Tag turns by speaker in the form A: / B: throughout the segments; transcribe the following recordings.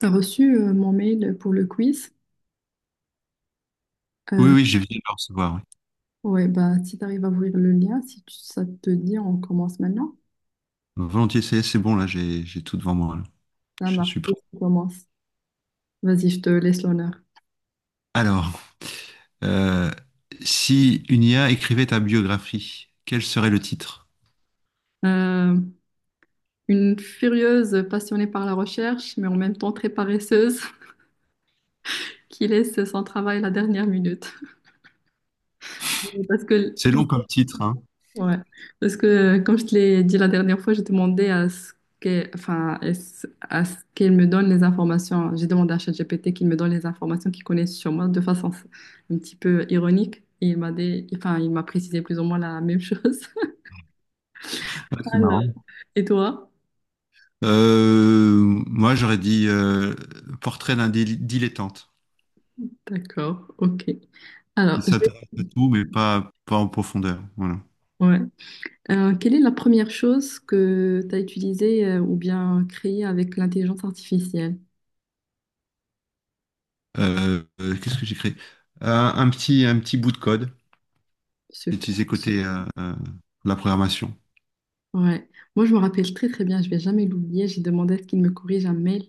A: T'as reçu mon mail pour le quiz?
B: Oui,
A: Euh,
B: oui, j'ai viens de le recevoir. Oui.
A: ouais, bah si t'arrives à ouvrir le lien, si ça te dit, on commence maintenant.
B: Volontiers, c'est bon, là, j'ai tout devant moi. Là.
A: Ça
B: Je
A: marche,
B: suis prêt.
A: on commence. Vas-y, je te laisse l'honneur.
B: Alors, euh, si une IA écrivait ta biographie, quel serait le titre?
A: Euh, une furieuse passionnée par la recherche, mais en même temps très paresseuse, qui laisse son travail à la dernière minute. Parce que
B: C'est
A: tout
B: long comme titre, hein.
A: ouais, parce que comme je te l'ai dit la dernière fois, j'ai demandé à ce qu'elle, enfin, à ce qu'elle me donne les informations. J'ai demandé à ChatGPT qu'il me donne les informations qu'il connaît sur moi de façon un petit peu ironique. Et il m'a dit, enfin, il m'a précisé plus ou moins la même chose.
B: Ouais, c'est
A: Alors.
B: marrant.
A: Et toi?
B: Euh, Moi, j'aurais dit portrait d'un dilettante.
A: D'accord, ok.
B: Il
A: Alors, je vais-
B: s'intéresse à tout, mais pas, pas en profondeur. Voilà.
A: ouais. Quelle est la première chose que tu as utilisée ou bien créée avec l'intelligence artificielle?
B: Qu'est-ce que j'ai créé? Un petit bout de code. C'est utilisé côté la programmation.
A: Ouais. Moi, je me rappelle très très bien, je vais jamais l'oublier. J'ai demandé à ce qu'il me corrige un mail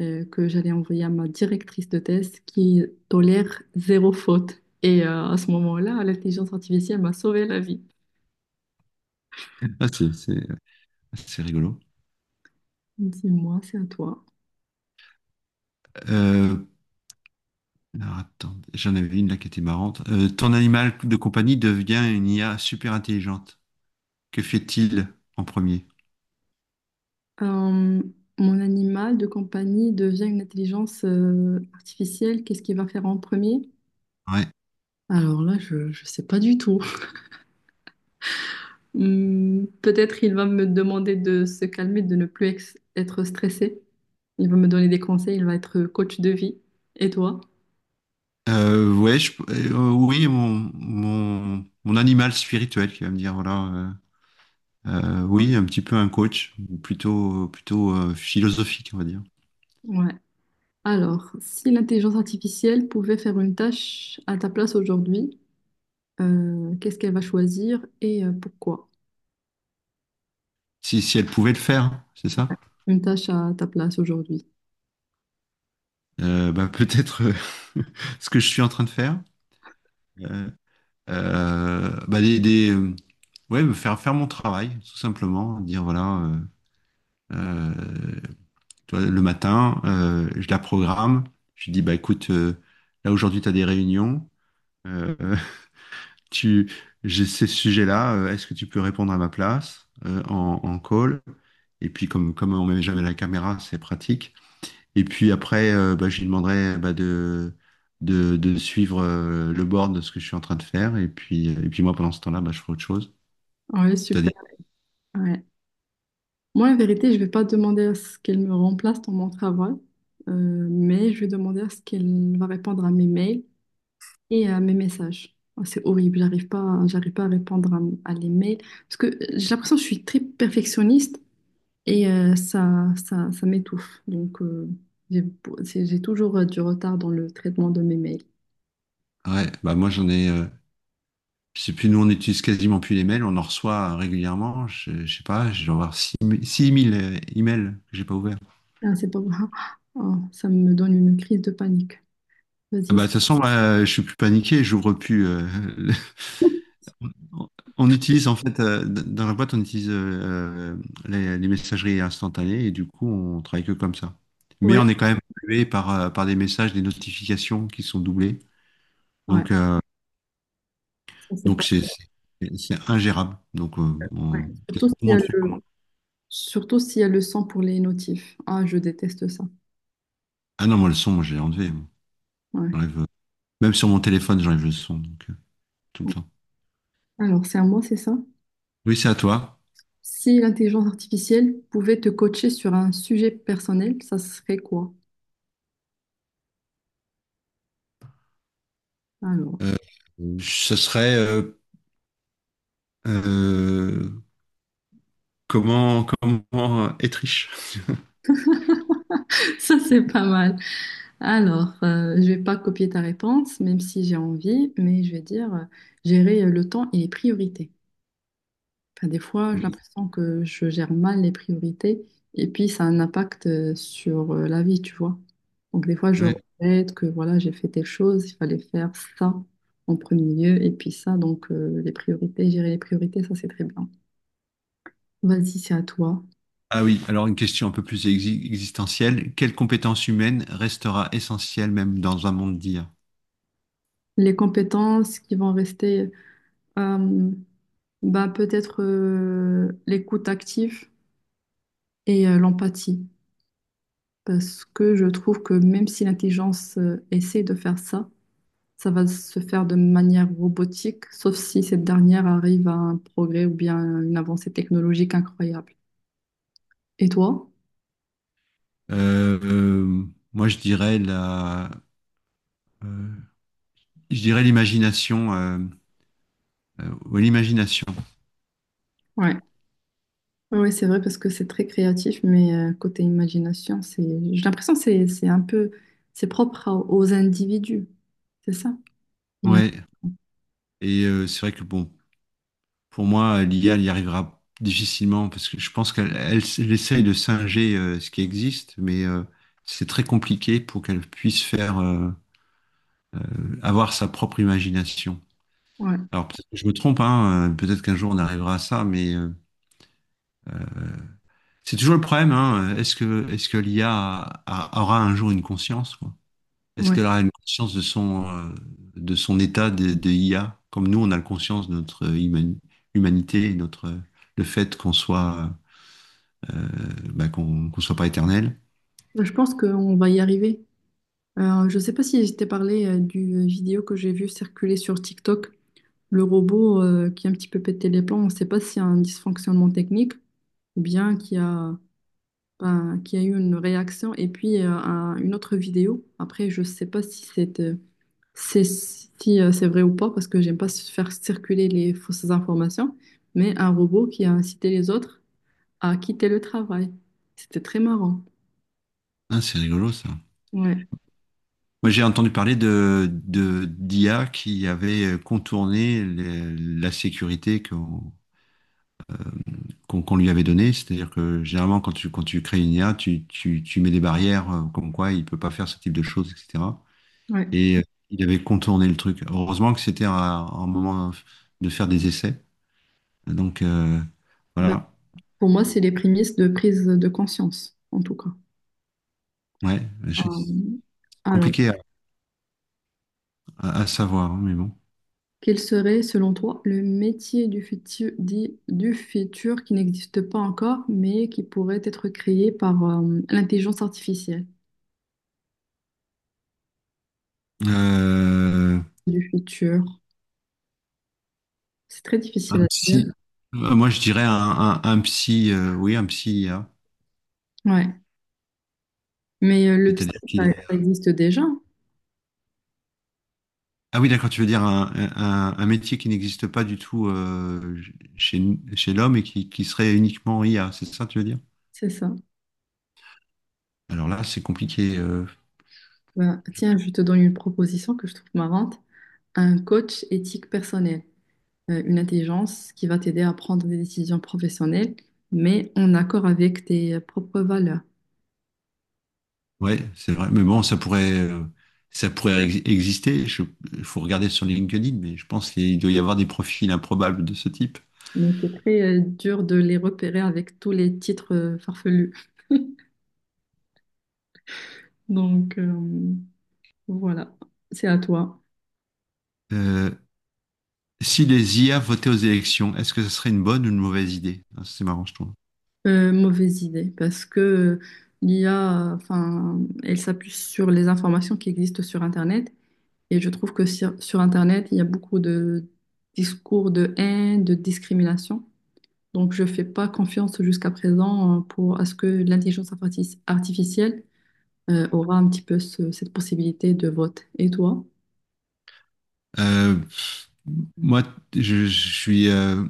A: que j'allais envoyer à ma directrice de thèse qui tolère zéro faute. Et à ce moment-là, l'intelligence artificielle m'a sauvé la vie.
B: Ah, c'est rigolo.
A: Dis-moi, c'est à toi.
B: Euh, alors, attends, j'en avais une là qui était marrante. Ton animal de compagnie devient une IA super intelligente. Que fait-il en premier?
A: Euh, Mon animal de compagnie devient une intelligence artificielle. Qu'est-ce qu'il va faire en premier?
B: Ouais.
A: Alors là, je ne sais pas du tout. Hmm, peut-être il va me demander de se calmer, de ne plus être stressé. Il va me donner des conseils, il va être coach de vie. Et toi?
B: Oui, mon animal spirituel qui va me dire, voilà, oui, un petit peu un coach, ou plutôt, plutôt philosophique, on va dire.
A: Ouais. Alors, si l'intelligence artificielle pouvait faire une tâche à ta place aujourd'hui, qu'est-ce qu'elle va choisir et pourquoi?
B: Si, si elle pouvait le faire, c'est ça?
A: Une tâche à ta place aujourd'hui.
B: Bah, peut-être ce que je suis en train de faire. Euh, euh, bah, des, des, euh, ouais, me faire faire mon travail, tout simplement. Dire, voilà, euh, tu vois, le matin, je la programme, je lui dis, bah, écoute, là aujourd'hui, tu as des réunions. Euh, tu, j'ai ces sujets-là, est-ce que tu peux répondre à ma place en, en call? Et puis comme, comme on met jamais la caméra, c'est pratique. Et puis après, bah, je lui demanderai bah, de suivre le board de ce que je suis en train de faire. Et puis moi, pendant ce temps-là, bah, je ferai autre chose.
A: Ouais, super.
B: C'est-à-dire,
A: Ouais. Moi, en vérité, je vais pas demander à ce qu'elle me remplace dans mon travail, mais je vais demander à ce qu'elle va répondre à mes mails et mes messages. Oh, c'est horrible, j'arrive pas à répondre à les mails parce que j'ai l'impression que je suis très perfectionniste et euh, ça m'étouffe. Donc j'ai j'ai toujours du retard dans le traitement de mes mails.
B: ouais, bah, moi j'en ai, je sais plus, nous on n'utilise quasiment plus les mails, on en reçoit régulièrement. Je sais pas, je dois avoir 6000 emails que j'ai pas ouverts.
A: Ah, c'est pas grave. Oh, ça me donne une crise de panique.
B: Ah bah, de
A: Vas-y.
B: toute façon, moi, je suis plus paniqué, j'ouvre plus. On on utilise en fait dans la boîte, on utilise les messageries instantanées et du coup, on travaille que comme ça. Mais
A: Ouais,
B: on est quand même pollué par par des messages, des notifications qui sont doublées.
A: ouais,
B: Donc euh,
A: ça c'est
B: donc
A: pas.
B: c'est c'est ingérable. Donc
A: Ouais.
B: on- tout
A: Surtout
B: le
A: s'il y a
B: monde fait comment?
A: surtout s'il y a le sang pour les notifs. Ah, je déteste ça.
B: Ah non, moi le son, moi j'ai enlevé. Moi.
A: Ouais.
B: J'enlève, même sur mon téléphone, j'enlève le son donc tout le
A: Ouais.
B: temps.
A: Alors c'est à moi, c'est ça?
B: Oui, c'est à toi.
A: Si l'intelligence artificielle pouvait te coacher sur un sujet personnel, ça serait quoi? Alors,
B: Euh, Ce serait euh, comment comment être riche.
A: ça c'est pas mal. Alors, je vais pas copier ta réponse, même si j'ai envie, mais je vais dire gérer le temps et les priorités. Enfin, des fois, j'ai l'impression que je gère mal les priorités et puis ça a un impact sur la vie, tu vois. Donc des fois, je regrette que voilà, j'ai fait telle chose, il fallait faire ça en premier lieu et puis ça, donc les priorités, gérer les priorités, ça c'est très bien. Vas-y, c'est à toi.
B: Ah oui, alors une question un peu plus existentielle. Quelle compétence humaine restera essentielle même dans un monde d'IA?
A: Les compétences qui vont rester, euh, bah, peut-être l'écoute active et l'empathie. Parce que je trouve que même si l'intelligence essaie de faire ça, ça va se faire de manière robotique, sauf si cette dernière arrive à un progrès ou bien une avancée technologique incroyable. Et toi?
B: Euh, euh, Moi, je dirais euh, l'imagination, ouais, l'imagination.
A: Ouais. Oui, c'est vrai parce que c'est très créatif, mais côté imagination, c'est, j'ai l'impression que c'est un peu, c'est propre aux individus. C'est ça? Il me-
B: Ouais. Et c'est vrai que bon, pour moi, l'IA, elle y arrivera difficilement parce que je pense elle essaye de singer ce qui existe, mais c'est très compliqué pour qu'elle puisse faire euh, avoir sa propre imagination.
A: ouais,
B: Alors peut-être que je me trompe, hein, peut-être qu'un jour on arrivera à ça, mais euh, c'est toujours le problème, hein, est-ce que l'IA aura un jour une conscience, quoi? Est-ce qu'elle
A: ouais.
B: aura une conscience de son état de IA, comme nous on a la conscience de notre humanité, et notre le fait qu'on soit euh, bah, qu'on soit pas éternel.
A: Bah, je pense qu'on va y arriver. Je sais pas si je t'ai parlé du vidéo que j'ai vu circuler sur TikTok, le robot qui a un petit peu pété les plombs. On ne sait pas s'il y a un dysfonctionnement technique ou bien qu'il y a, ben, qu'il y a eu une réaction. Et puis une autre vidéo. Après, je sais pas si c'est c'est- si, c'est vrai ou pas parce que j'aime pas faire circuler les fausses informations. Mais un robot qui a incité les autres à quitter le travail. C'était très marrant.
B: Ah, c'est rigolo ça.
A: Ouais,
B: Moi, j'ai entendu parler d'IA qui avait contourné la sécurité qu'on lui avait donnée. C'est-à-dire que généralement, quand tu crées une IA, tu mets des barrières comme quoi il ne peut pas faire ce type de choses, etc.
A: ouais.
B: Et il avait contourné le truc. Heureusement que c'était à- un moment de faire des essais. Donc,
A: Bah,
B: voilà.
A: pour moi, c'est les prémices de prise de conscience, en tout cas.
B: Ouais,
A: Euh,
B: je- c'est
A: alors,
B: compliqué à savoir, hein, mais bon.
A: quel serait, selon toi, le métier du futur, dit, du futur qui n'existe pas encore, mais qui pourrait être créé par l'intelligence artificielle
B: Euh,
A: du futur? C'est très difficile
B: un
A: à dire.
B: psy. Moi, je dirais un, un psy, oui, un psy.
A: Ouais. Mais le psy,
B: C'est-à-dire qu'il
A: ça,
B: est...
A: ça existe déjà.
B: Ah oui, d'accord, tu veux dire un, un métier qui n'existe pas du tout chez, chez l'homme et qui serait uniquement IA, c'est ça, tu veux dire?
A: C'est ça.
B: Alors là, c'est compliqué.
A: Bah, tiens, je te donne une proposition que je trouve marrante. Un coach éthique personnel, une intelligence qui va t'aider à prendre des décisions professionnelles, mais en accord avec tes propres valeurs.
B: Ouais, c'est vrai. Mais bon, ça pourrait exister. Je- Il faut regarder sur LinkedIn, mais je pense qu'il doit y avoir des profils improbables de ce type.
A: Mais c'est très dur de les repérer avec tous les titres farfelus. Donc voilà, c'est à toi.
B: Euh, Si les IA votaient aux élections, est-ce que ce serait une bonne ou une mauvaise idée? Ah, c'est marrant, je trouve.
A: Mauvaise idée, parce que l'IA, enfin, elle s'appuie sur les informations qui existent sur Internet. Et je trouve que sur, sur Internet, il y a beaucoup de discours de haine, de discrimination. Donc, je ne fais pas confiance jusqu'à présent pour à ce que l'intelligence artificielle aura un petit peu cette possibilité de vote. Et toi?
B: Euh, moi, je suis,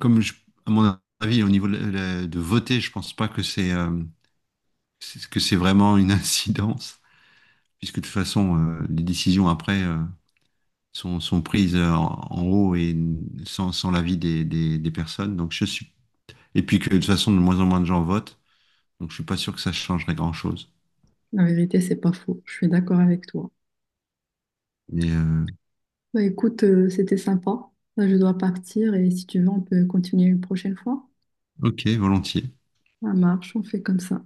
B: comme je- à mon avis, au niveau de, de voter, je pense pas que c'est vraiment une incidence, puisque de toute façon, les décisions après sont prises en haut et sans l'avis des personnes. Donc je suis, et puis que de toute façon, de moins en moins de gens votent, donc je suis pas sûr que ça changerait grand-chose.
A: La vérité, c'est pas faux. Je suis d'accord avec toi.
B: Mais
A: Bah, écoute, c'était sympa. Là, je dois partir et si tu veux, on peut continuer une prochaine fois.
B: ok, volontiers.
A: Ça marche, on fait comme ça.